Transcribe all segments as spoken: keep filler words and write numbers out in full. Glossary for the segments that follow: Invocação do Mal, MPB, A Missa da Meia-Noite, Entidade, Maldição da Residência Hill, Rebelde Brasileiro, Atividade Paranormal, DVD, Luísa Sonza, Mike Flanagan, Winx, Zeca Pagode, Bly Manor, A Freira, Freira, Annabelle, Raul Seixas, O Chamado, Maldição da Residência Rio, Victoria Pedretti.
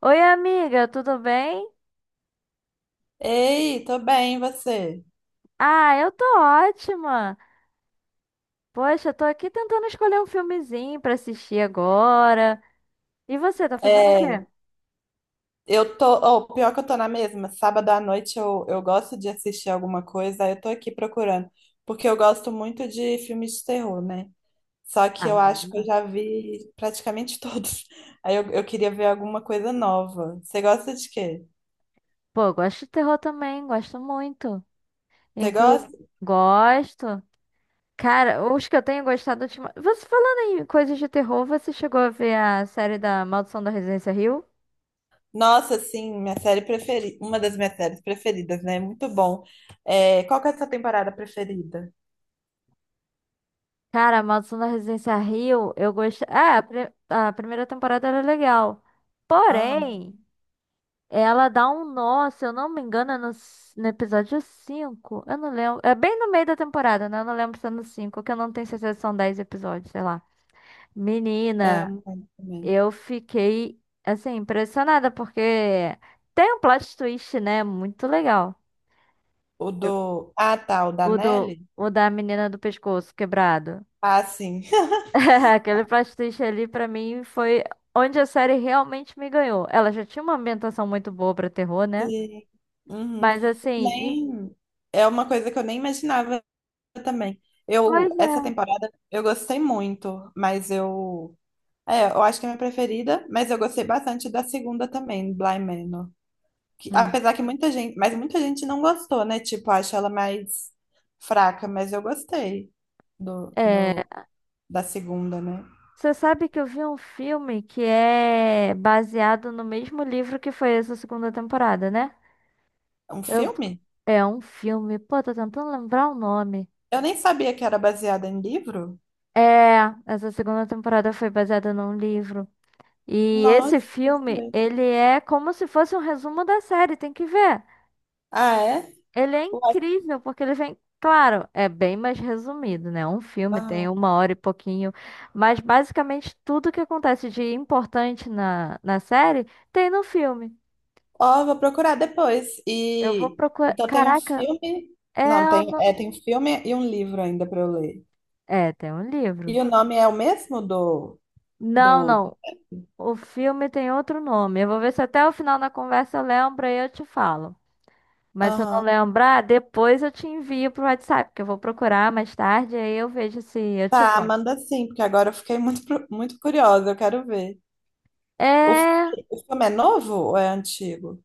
Oi, amiga, tudo bem? Ei, tô bem, e você? Ah, eu tô ótima. Poxa, eu tô aqui tentando escolher um filmezinho pra assistir agora. E você, tá fazendo o quê? É, eu tô, oh, pior é que eu tô na mesma. Sábado à noite eu, eu gosto de assistir alguma coisa, aí eu tô aqui procurando, porque eu gosto muito de filmes de terror, né? Só que eu Ah, acho que eu já vi praticamente todos. Aí eu, eu queria ver alguma coisa nova. Você gosta de quê? pô, eu gosto de terror também, gosto muito. Você Inclusive, gosta? gosto. Cara, os que eu tenho gostado ultimamente. Você falando em coisas de terror, você chegou a ver a série da Maldição da Residência Hill? Nossa, sim, minha série preferida, uma das minhas séries preferidas, né? Muito bom. É, qual que é a sua temporada preferida? Cara, a Maldição da Residência Hill, eu gostei. Ah, a, pri- a primeira temporada era legal. Aham, Porém. Ela dá um nó, se eu não me engano, é no, c- no episódio cinco. Eu não lembro. É bem no meio da temporada, né? Eu não lembro se é no cinco que eu não tenho certeza se são dez episódios, sei lá. é, eu Menina, não lembro também. eu fiquei, assim, impressionada, porque tem um plot twist, né? Muito legal. O Eu- do. Ah, tá, o da O, do, Nelly? o da menina do pescoço quebrado. Ah, sim. Aquele plot twist ali, pra mim, foi onde a série realmente me ganhou. Ela já tinha uma ambientação muito boa pra terror, né? Sim. Uhum. Mas, assim. em- Nem. É uma coisa que eu nem imaginava também. Pois Eu, essa é. temporada, eu gostei muito, mas eu. É, eu acho que é a minha preferida, mas eu gostei bastante da segunda também, Bly Manor. Que, Hum. apesar que muita gente. Mas muita gente não gostou, né? Tipo, acho ela mais fraca, mas eu gostei do, É, do, da segunda, né? você sabe que eu vi um filme que é baseado no mesmo livro que foi essa segunda temporada, né? Um Eu- filme? É um filme, pô, tô tentando lembrar o nome. Eu nem sabia que era baseada em livro. É, essa segunda temporada foi baseada num livro. E esse Nossa, não filme, sabia. ele é como se fosse um resumo da série, tem que ver. Ah, é? Ele é Ué, incrível, porque ele vem. Claro, é bem mais resumido, né? Um filme tem ah. uma hora e pouquinho, mas basicamente tudo que acontece de importante na, na série tem no filme. Ó, vou procurar depois. Eu vou E procurar. então tem um Caraca, filme. é. Não, O tem, no- é, tem um filme e um livro ainda para eu ler. É, tem um livro. E o nome é o mesmo do, Não, do... não. O filme tem outro nome. Eu vou ver se até o final da conversa eu lembro e eu te falo. Mas se eu não Aham. lembrar, depois eu te envio pro WhatsApp, porque eu vou procurar mais tarde, aí eu vejo se eu te Tá, mando. manda sim, porque agora eu fiquei muito, pro- muito curiosa, eu quero ver. O, fi- É. o filme é novo ou é antigo?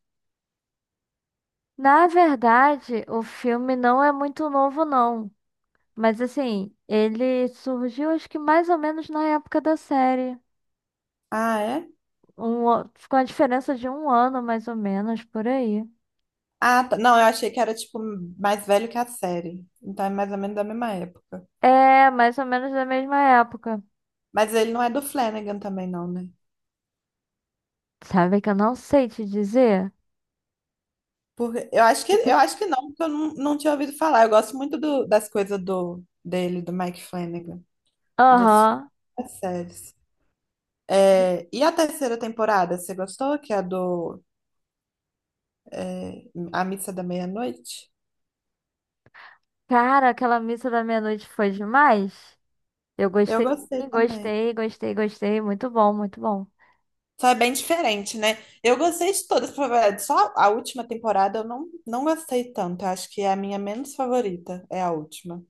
Na verdade, o filme não é muito novo, não. Mas assim, ele surgiu acho que mais ou menos na época da série. Ah, é? Um, o- com a diferença de um ano, mais ou menos, por aí. Ah, tá. Não, eu achei que era tipo mais velho que a série. Então é mais ou menos da mesma época. É, mais ou menos da mesma época. Mas ele não é do Flanagan também, não, né? Sabe que eu não sei te dizer? Porque eu acho que eu acho que não, porque eu não, não tinha ouvido falar. Eu gosto muito do- das coisas do dele, do Mike Flanagan, dos, Aham. das séries. É, e a terceira temporada, você gostou? Que é a do é, A Missa da Meia-Noite? Cara, aquela missa da meia-noite foi demais. Eu Eu gostei, gostei sim, também. gostei, gostei, gostei. Muito bom, muito bom. Só é bem diferente, né? Eu gostei de todas, pra falar a verdade. Só a última temporada eu não, não gostei tanto. Eu acho que é a minha menos favorita, é a última.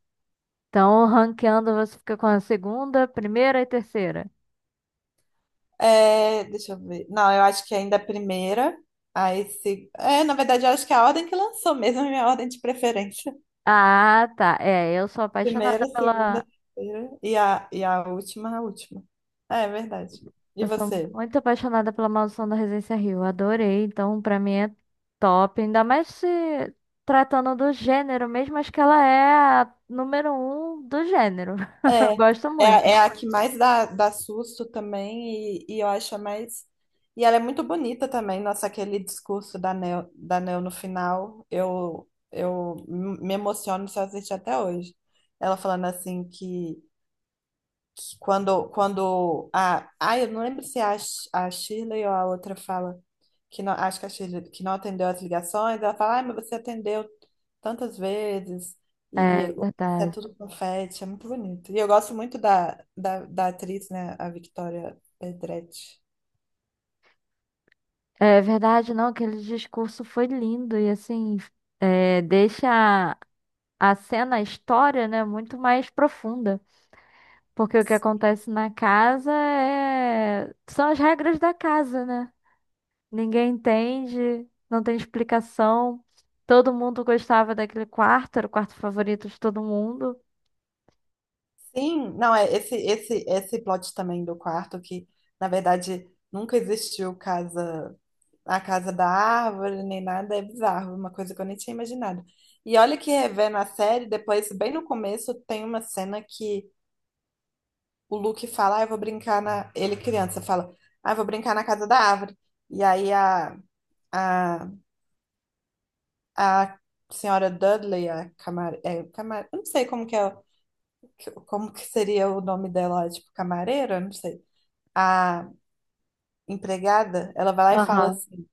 Então, ranqueando, você fica com a segunda, primeira e terceira. É, deixa eu ver. Não, eu acho que ainda é a primeira. Aí se... É, na verdade, eu acho que é a ordem que lançou mesmo, é a minha ordem de preferência. Ah, tá. É, eu sou apaixonada Primeira, segunda, pela. terceira e a, e a última, a última. É, é verdade. E Eu sou você? muito apaixonada pela Maldição da Residência Rio. Adorei. Então, pra mim é top. Ainda mais se tratando do gênero mesmo. Acho que ela é a número um do gênero. Eu É, gosto é, muito. é a que mais dá, dá susto também e, e eu acho a mais... E ela é muito bonita também, nossa, aquele discurso da Neo, da Neo no final, eu, eu me emociono se eu assistir até hoje. Ela falando assim que que quando, quando a. Ai, eu não lembro se é a, Sh- a Shirley ou a outra fala. Que não, acho que a Shirley que não atendeu as ligações. Ela fala, ai, mas você atendeu tantas vezes. É E, e é verdade. tudo confete. É muito bonito. E eu gosto muito da, da, da atriz, né? A Victoria Pedretti. É verdade, não. Aquele discurso foi lindo. E assim, é, deixa a a cena, a história, né, muito mais profunda. Porque o que acontece na casa é, são as regras da casa, né? Ninguém entende, não tem explicação. Todo mundo gostava daquele quarto, era o quarto favorito de todo mundo. Sim, não, é esse, esse, esse plot também do quarto que, na verdade, nunca existiu casa. A casa da árvore, nem nada, é bizarro, uma coisa que eu nem tinha imaginado. E olha que rever na série, depois, bem no começo, tem uma cena que o Luke fala, ah, eu vou brincar na... Ele criança fala, ah, eu vou brincar na casa da árvore. E aí a, a, a senhora Dudley, a camar... é, camar... eu não sei como que é, o- que- como que seria o nome dela, tipo, camareira, eu não sei. A empregada, ela vai lá e fala Aham. assim,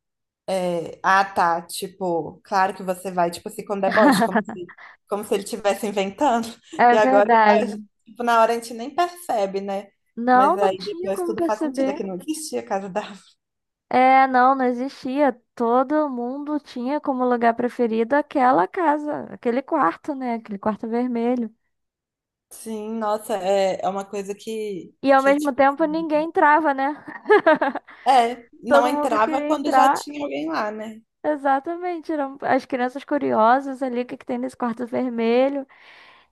é, ah, tá. Tipo, claro que você vai, tipo assim, com deboche, como se, como se ele estivesse inventando. E É agora, a gente- verdade. tipo, na hora a gente nem percebe, né? Mas Não, não aí tinha depois como tudo faz sentido, é perceber. que não existia casa da. Avó. É, não, não existia. Todo mundo tinha como lugar preferido aquela casa, aquele quarto, né? Aquele quarto vermelho. Sim, nossa, é, é uma coisa que, E ao que, mesmo tipo, tempo ninguém assim, entrava, né? é, não Todo mundo entrava queria quando já entrar. tinha alguém lá, né? Exatamente. Eram as crianças curiosas ali, o que que tem nesse quarto vermelho?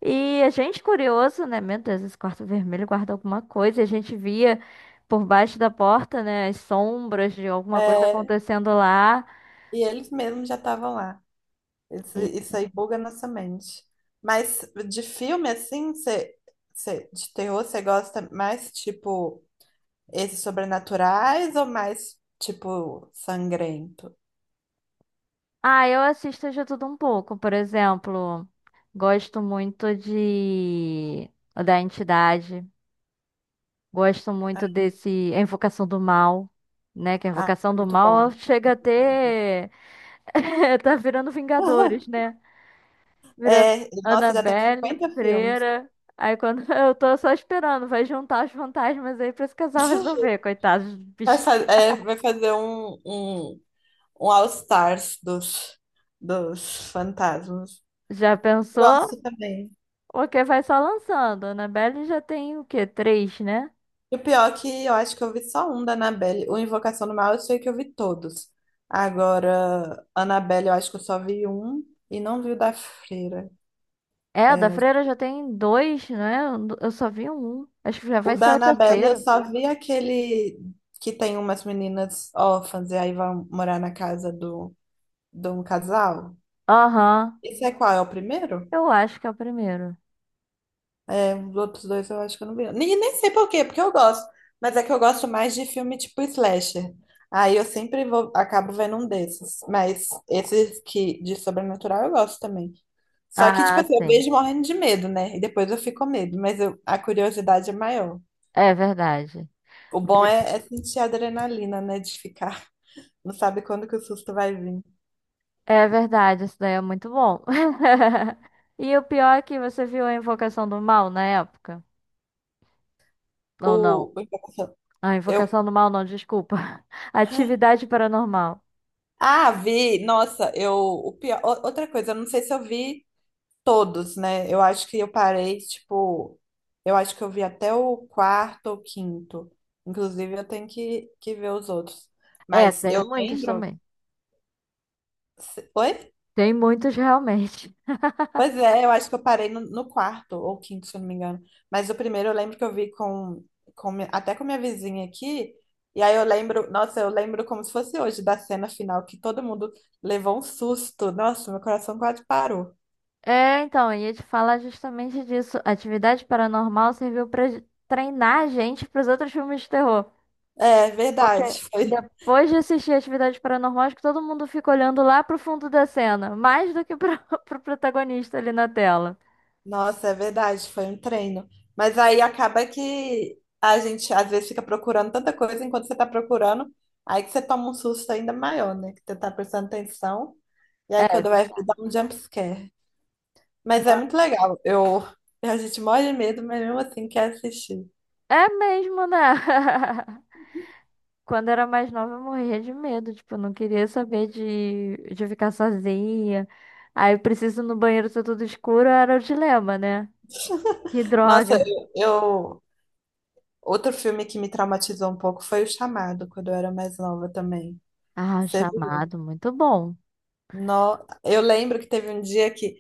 E a gente curioso, né? Meu Deus, esse quarto vermelho guarda alguma coisa. E a gente via por baixo da porta, né? As sombras de alguma coisa É, acontecendo lá. e eles mesmos já estavam lá. Isso, E- isso aí buga a nossa mente. Mas de filme, assim, você, você, de terror, você gosta mais, tipo. Esses sobrenaturais ou mais, tipo, sangrento? Ah, eu assisto de tudo um pouco. Por exemplo, gosto muito de da Entidade. Gosto Ah, muito desse A Invocação do Mal, né? Que a ah, Invocação do muito Mal bom. chega a ter tá virando Vingadores, né? Vira É, nossa, já tem Annabelle, cinquenta filmes. Freira. Aí quando eu tô só esperando, vai juntar os fantasmas aí pra esse casal resolver, coitados dos Vai, fa- bichinhos. é, vai fazer um, um, um All-Stars dos, dos fantasmas. Já pensou? Gosto também. Porque vai só lançando. Annabelle já tem o quê? Três, né? E o pior é que eu acho que eu vi só um da Annabelle. O Invocação do Mal eu sei que eu vi todos. Agora, Annabelle eu acho que eu só vi um e não vi o da Freira. É, a da É, Freira já tem dois, né? Eu só vi um. Acho que já o vai ser da o Annabelle, eu terceiro. só vi aquele que tem umas meninas órfãs e aí vão morar na casa do, de um casal. Aham. Esse é qual? É o primeiro? Eu acho que é o primeiro. É, os outros dois eu acho que eu não vi. Nem, nem sei por quê, porque eu gosto. Mas é que eu gosto mais de filme tipo slasher. Aí eu sempre vou, acabo vendo um desses. Mas esses que de sobrenatural eu gosto também. Só que, tipo Ah, assim, eu sim. vejo morrendo de medo, né? E depois eu fico com medo, mas eu- a curiosidade é maior. É verdade. O bom é, é sentir a adrenalina, né? De ficar. Não sabe quando que o susto vai vir. É verdade, isso daí é muito bom. E o pior é que você viu a Invocação do Mal na época? Ou não. O, o Invocação- Ah, eu, Invocação do Mal, não, desculpa. Atividade Paranormal. ah, vi, nossa, eu, o pior, o- outra coisa, eu não sei se eu vi todos, né? Eu acho que eu parei, tipo, eu acho que eu vi até o quarto ou quinto. Inclusive, eu tenho que, que ver os outros. É, Mas tem eu muitos lembro. também. Se- Oi? Tem muitos realmente. Pois é, eu acho que eu parei no, no quarto ou quinto, se eu não me engano. Mas o primeiro eu lembro que eu vi com, com mi- até com minha vizinha aqui. E aí eu lembro, nossa, eu lembro como se fosse hoje da cena final, que todo mundo levou um susto. Nossa, meu coração quase parou. É, então, eu ia te falar justamente disso. Atividade Paranormal serviu pra j- treinar a gente pros outros filmes de terror. É Porque verdade, foi. depois de assistir Atividade Paranormal, acho que todo mundo fica olhando lá pro fundo da cena, mais do que pra, pro protagonista ali na tela. Nossa, é verdade, foi um treino. Mas aí acaba que a gente às vezes fica procurando tanta coisa enquanto você tá procurando, aí que você toma um susto ainda maior, né? Que você tá prestando atenção. E aí É, quando vai ver, dá um jump scare. Mas é muito legal. Eu, a gente morre de medo, mas mesmo assim quer assistir. é mesmo, né? Quando eu era mais nova, eu morria de medo. Tipo, eu não queria saber de, de ficar sozinha. Aí eu preciso ir no banheiro ser tudo escuro, era o dilema, né? Que Nossa, droga. eu, eu- Outro filme que me traumatizou um pouco foi O Chamado, quando eu era mais nova também. Ah, O Você viu? Chamado, muito bom. No... Eu lembro que teve um dia que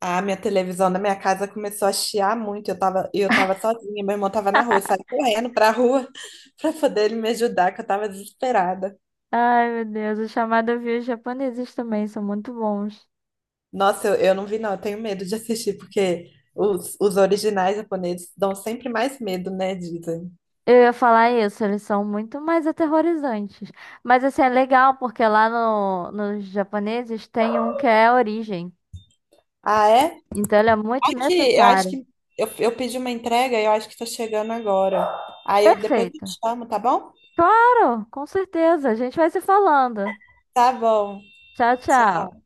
a minha televisão da minha casa começou a chiar muito. Eu tava, e eu tava sozinha, meu irmão tava na rua, eu saí correndo pra rua pra poder ele me ajudar, que eu tava desesperada. Ai, meu Deus, O Chamado eu vi os japoneses também, são muito bons. Nossa, eu, eu não vi, não, eu tenho medo de assistir, porque os, os originais japoneses dão sempre mais medo, né? Dizem. Eu ia falar isso, eles são muito mais aterrorizantes. Mas assim, é legal, porque lá no, nos japoneses tem um que é a origem. Ah, é? Então ele é muito Aqui, eu acho necessário. que eu, eu pedi uma entrega e eu acho que tá chegando agora. Aí eu depois eu Perfeito. te chamo, tá bom? Claro, com certeza. A gente vai se falando. Tá bom. Tchau, tchau. Tchau.